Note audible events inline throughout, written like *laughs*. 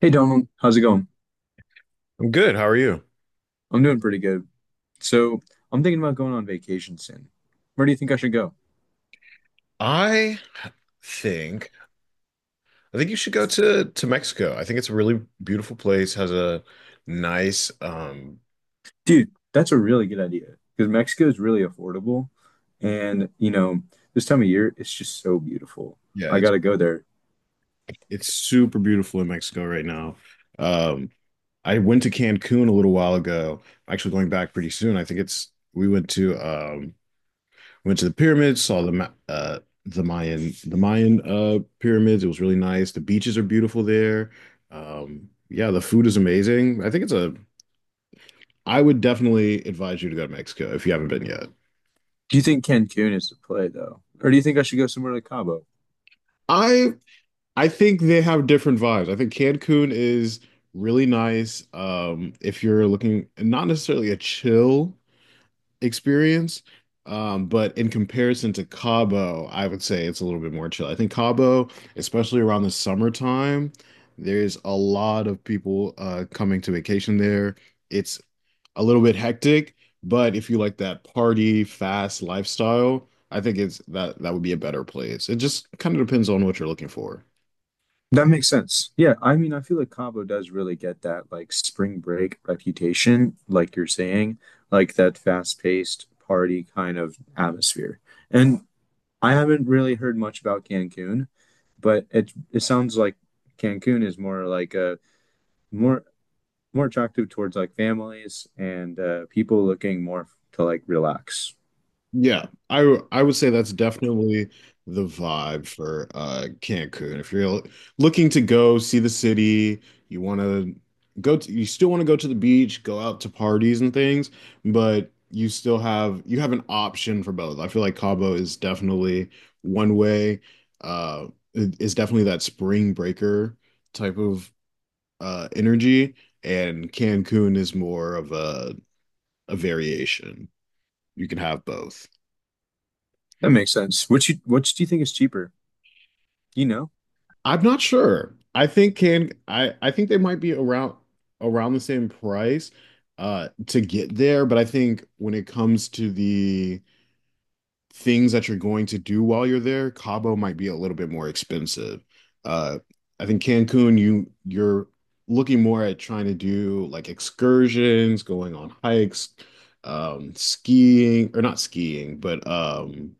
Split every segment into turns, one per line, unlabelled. Hey Donald, how's it going?
I'm good. How are you?
I'm doing pretty good. So I'm thinking about going on vacation soon. Where do you think I should go?
I think I think you should go to Mexico. I think it's a really beautiful place. Has a nice
Dude, that's a really good idea because Mexico is really affordable. And, this time of year, it's just so beautiful.
yeah,
I
it's
gotta go there.
it's super beautiful in Mexico right now. Um I went to Cancun a little while ago. I'm actually going back pretty soon. I think it's we went to went to the pyramids, saw the Mayan pyramids. It was really nice. The beaches are beautiful there. Yeah, the food is amazing. I think it's a I would definitely advise you to go to Mexico if you haven't been yet.
Do you think Cancun is the play though? Or do you think I should go somewhere like Cabo?
I I think they have different vibes. I think Cancun is really nice. If you're looking not necessarily a chill experience. But in comparison to Cabo, I would say it's a little bit more chill. I think Cabo, especially around the summertime, there's a lot of people coming to vacation there. It's a little bit hectic, but if you like that party fast lifestyle, I think it's that that would be a better place. It just kind of depends on what you're looking for.
That makes sense. Yeah, I mean, I feel like Cabo does really get that like spring break reputation, like you're saying, like that fast-paced party kind of atmosphere. And I haven't really heard much about Cancun, but it sounds like Cancun is more like a more more attractive towards like families and people looking more to like relax.
Yeah, I would say that's definitely the vibe for Cancun. If you're l- looking to go see the city, you want to you still want to go to the beach, go out to parties and things, but you have an option for both. I feel like Cabo is definitely one way. Uh, it's definitely that spring breaker type of energy, and Cancun is more of a variation. You can have both.
That makes sense. Which do you think is cheaper? You know,
I'm not sure. I think they might be around the same price to get there, but I think when it comes to the things that you're going to do while you're there, Cabo might be a little bit more expensive. Uh I think Cancun you're looking more at trying to do like excursions, going on hikes, skiing or not skiing, but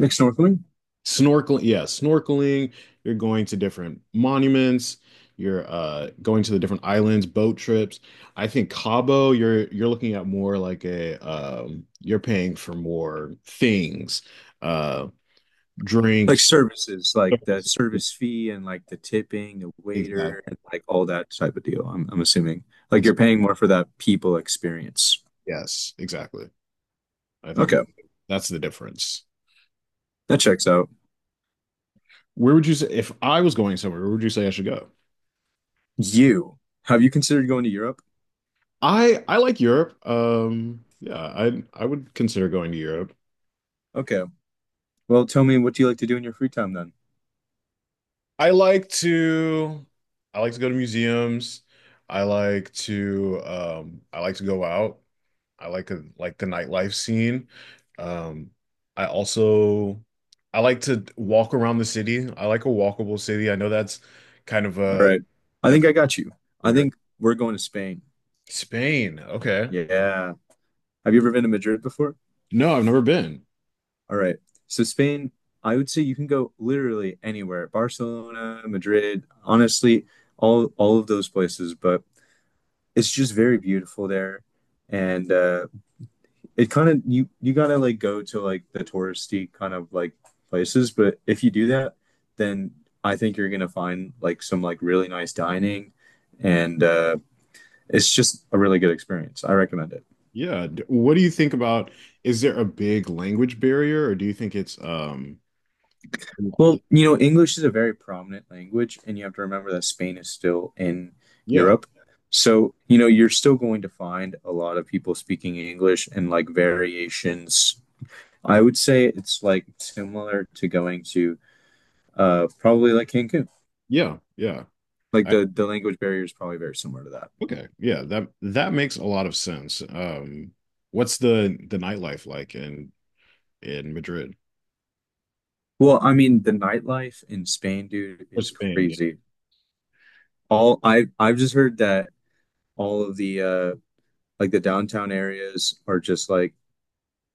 Like snorkeling?
snorkeling, yeah, snorkeling. You're going to different monuments. You're going to the different islands, boat trips. I think Cabo, you're looking at more like a you're paying for more things, uh,
Like
drinks,
services, like the
services.
service fee and like the tipping, the
Exactly.
waiter, and like all that type of deal. I'm assuming like you're
Exactly.
paying more for that people experience.
Yes, exactly. I think
Okay,
that's the difference.
that checks out.
Where would you say if I was going somewhere, where would you say I should go?
You Have you considered going to Europe?
I like Europe. Yeah, I would consider going to Europe.
Okay. Well, tell me, what do you like to do in your free time then?
I like to I like to go to museums. I like to go out. Like the nightlife scene. Um I also, I like to walk around the city. I like a walkable city. I know that's kind of
All
a,
right. I
that's
think I got you.
for
I
your.
think we're going to Spain.
Spain. Okay.
Yeah. Have you ever been to Madrid before?
No, I've never been.
All right. So, Spain, I would say you can go literally anywhere. Barcelona, Madrid, honestly, all of those places, but it's just very beautiful there. And it kind of you gotta like go to like the touristy kind of like places, but if you do that, then I think you're gonna find like some like really nice dining and it's just a really good experience. I recommend it.
Yeah. What do you think about, is there a big language barrier or do you think it's
Well, English is a very prominent language, and you have to remember that Spain is still in
yeah,
Europe. So, you're still going to find a lot of people speaking English and like variations. I would say it's like similar to going to probably like Cancun.
yeah, yeah.
Like the language barrier is probably very similar to that.
Okay. Yeah, that makes a lot of sense. What's the nightlife like in Madrid
Well, I mean, the nightlife in Spain, dude,
or
is
Spain? Yeah.
crazy. All I've just heard that all of the like the downtown areas are just like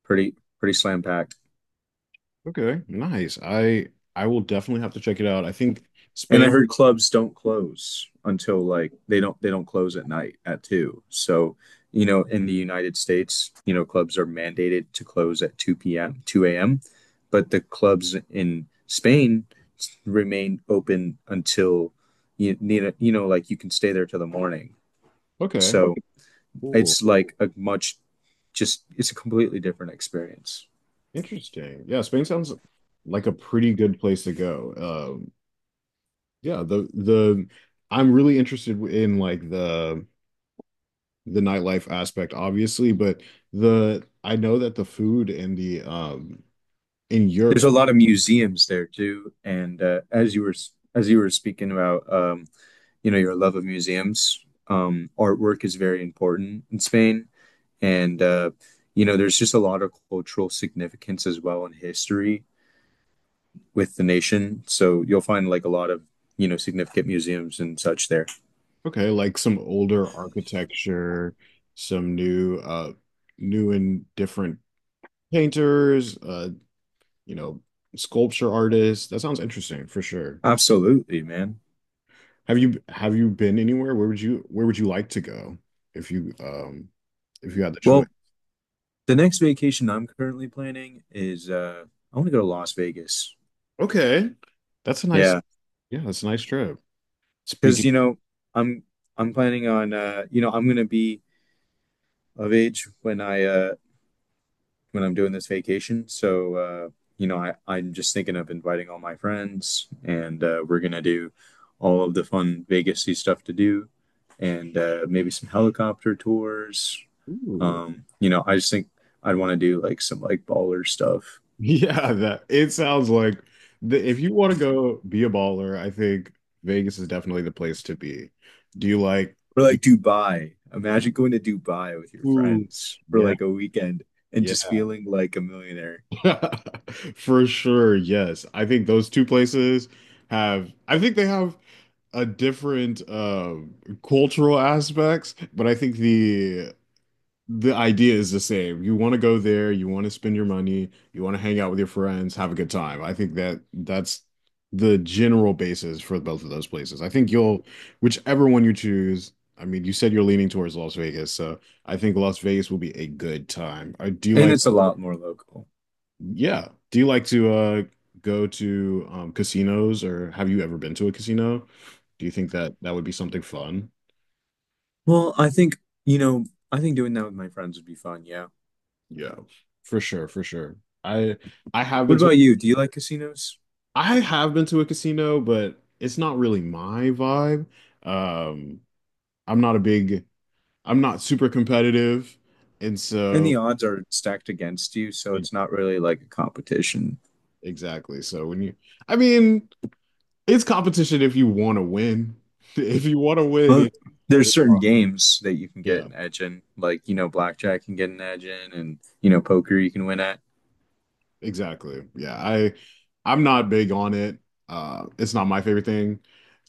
pretty pretty slam packed.
Okay, nice. I will definitely have to check it out. I think
And I
Spain.
heard clubs don't close until like they don't close at night at two. So in the United States, clubs are mandated to close at 2 p.m. 2 a.m. But the clubs in Spain remain open until you need a, you know like you can stay there till the morning.
Okay,
So
cool.
it's like a much, just it's a completely different experience.
Interesting. Yeah, Spain sounds like a pretty good place to go. Um, yeah, the I'm really interested in like the nightlife aspect, obviously, but the I know that the food and the in Europe.
There's a lot of museums there too, and as you were speaking about, your love of museums, artwork is very important in Spain, and there's just a lot of cultural significance as well in history with the nation. So you'll find like a lot of, significant museums and such there.
Okay, like some older architecture, some new and different painters, you know, sculpture artists. That sounds interesting for sure.
Absolutely, man.
Have you been anywhere? Where would you like to go if you um if you had the choice?
Well, the next vacation I'm currently planning is I want to go to Las Vegas.
Okay. That's a nice,
Yeah.
yeah, that's a nice trip.
Because
Speaking.
I'm I'm planning on I'm gonna be of age when I'm doing this vacation. So I'm just thinking of inviting all my friends and we're gonna do all of the fun Vegasy stuff to do and maybe some helicopter tours.
Ooh.
I just think I'd want to do like some like baller stuff
*laughs* Yeah, that it sounds like if you want to go be a baller, I think Vegas is definitely the place to be. Do you like
or
do
like Dubai. Imagine going to Dubai with your
Ooh,
friends for
yeah,
like a weekend and
yeah,
just feeling like a millionaire.
*laughs* for sure. Yes, I think those two places have. I think they have a different cultural aspects, but I think the idea is the same. You want to go there, you want to spend your money, you want to hang out with your friends, have a good time. I think that that's the general basis for both of those places. I think you'll, whichever one you choose. I mean, you said you're leaning towards Las Vegas, so. I think Las Vegas will be a good time. I do
And
like.
it's a lot more local.
Yeah. Do you like to go to casinos or have you ever been to a casino? Do you think that that would be something fun?
Well, I think doing that with my friends would be fun, yeah.
Yeah. For sure, for sure. I I have been
What
to
about you? Do you like casinos?
I have been to a casino, but it's not really my vibe. Um I'm not a big I'm not super competitive, and
And the
so
odds are stacked against you, so
e-
it's not really like a competition.
exactly. So when you I mean, it's competition if you want to win. *laughs* If you want to win
Well,
it,
there's
it
certain games that you can get
yeah.
an edge in, like, blackjack can get an edge in and, poker you can win at.
Exactly. Yeah, I'm not big on it. It's not my favorite thing.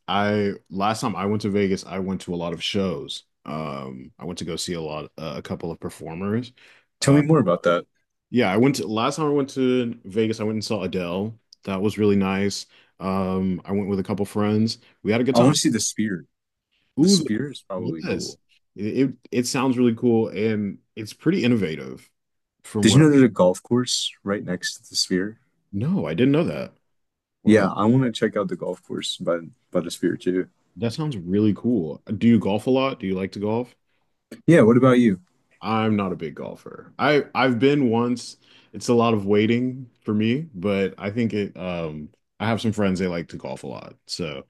I Last time I went to Vegas, I went to a lot of shows. I went to go see a couple of performers.
Tell
Uh,
me more about that.
yeah, I went to last time I went to Vegas, I went and saw Adele. That was really nice. I went with a couple friends. We had a good
I want
time.
to see the sphere. The
Ooh,
sphere is probably
yes,
cool.
it sounds really cool and it's pretty innovative from
Did you
what
know there's a golf course right next to the sphere?
no, I didn't know that. Wow,
Yeah, I want to check out the golf course by the sphere too.
that sounds really cool. Do you golf a lot? Do you like to golf?
Yeah, what about you?
I'm not a big golfer. I've been once. It's a lot of waiting for me, but I think it I have some friends they like to golf a lot. So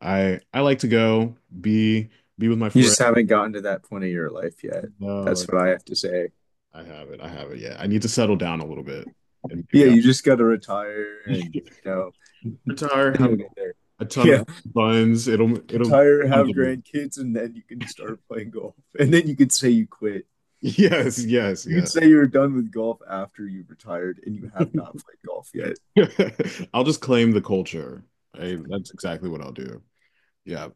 I like to go be with my
You just
friends.
haven't gotten to that point of your life yet.
No,
That's what I have to say.
I have it. I have it. Yeah. I need to settle down a little bit and
Yeah,
maybe I'll
you just got to retire and,
*laughs*
*laughs* then
retire, have
you'll get there.
a ton
Yeah,
of *laughs* buns. It'll
retire,
come
have
to me.
grandkids, and then you can start playing golf. And then
*laughs*
you can say you quit.
Yes, yes,
You can
yes.
say you're done with golf after you retired and you have not
*laughs*
played golf yet.
*laughs* I'll just claim the culture. That's exactly what I'll do. Yeah.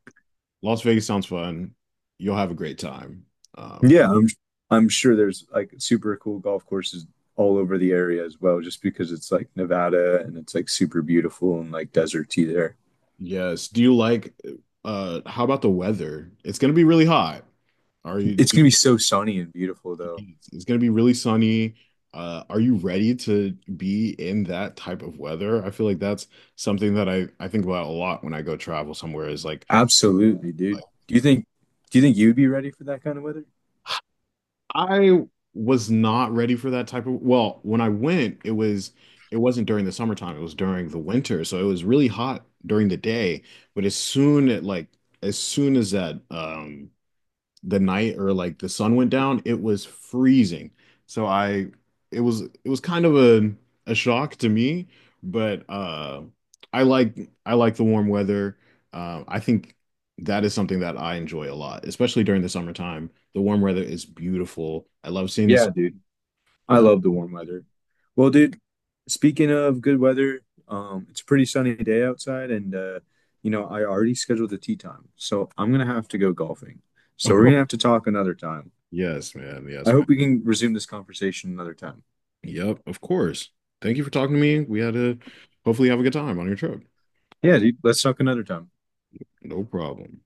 Las Vegas sounds fun. You'll have a great time. Um,
Yeah, I'm sure there's like super cool golf courses all over the area as well, just because it's like Nevada and it's like super beautiful and like deserty there.
yes. Do you like How about the weather? It's gonna be really hot. Are you
It's
do-
gonna be so sunny and beautiful though.
it's gonna be really sunny. Are you ready to be in that type of weather? I feel like that's something that I think about a lot when I go travel somewhere is like.
Absolutely, dude. Do you think you'd be ready for that kind of weather?
I was not ready for that type of, well, when I went, it wasn't during the summertime, it was during the winter. So it was really hot during the day, but as soon as that the night or like the sun went down, it was freezing. So I it was kind of a shock to me, but I like I like the warm weather. I think that is something that I enjoy a lot, especially during the summertime. The warm weather is beautiful. I love seeing the
Yeah,
sun.
dude. I
Yeah.
love the warm weather. Well, dude, speaking of good weather, it's a pretty sunny day outside, and I already scheduled the tee time, so I'm gonna have to go golfing. So we're gonna have
*laughs*
to talk another time.
Yes, man.
I
Yes, man.
hope we can resume this conversation another time.
Yep, of course. Thank you for talking to me. We had to hopefully have a good time on your trip.
Yeah, dude, let's talk another time.
No problem.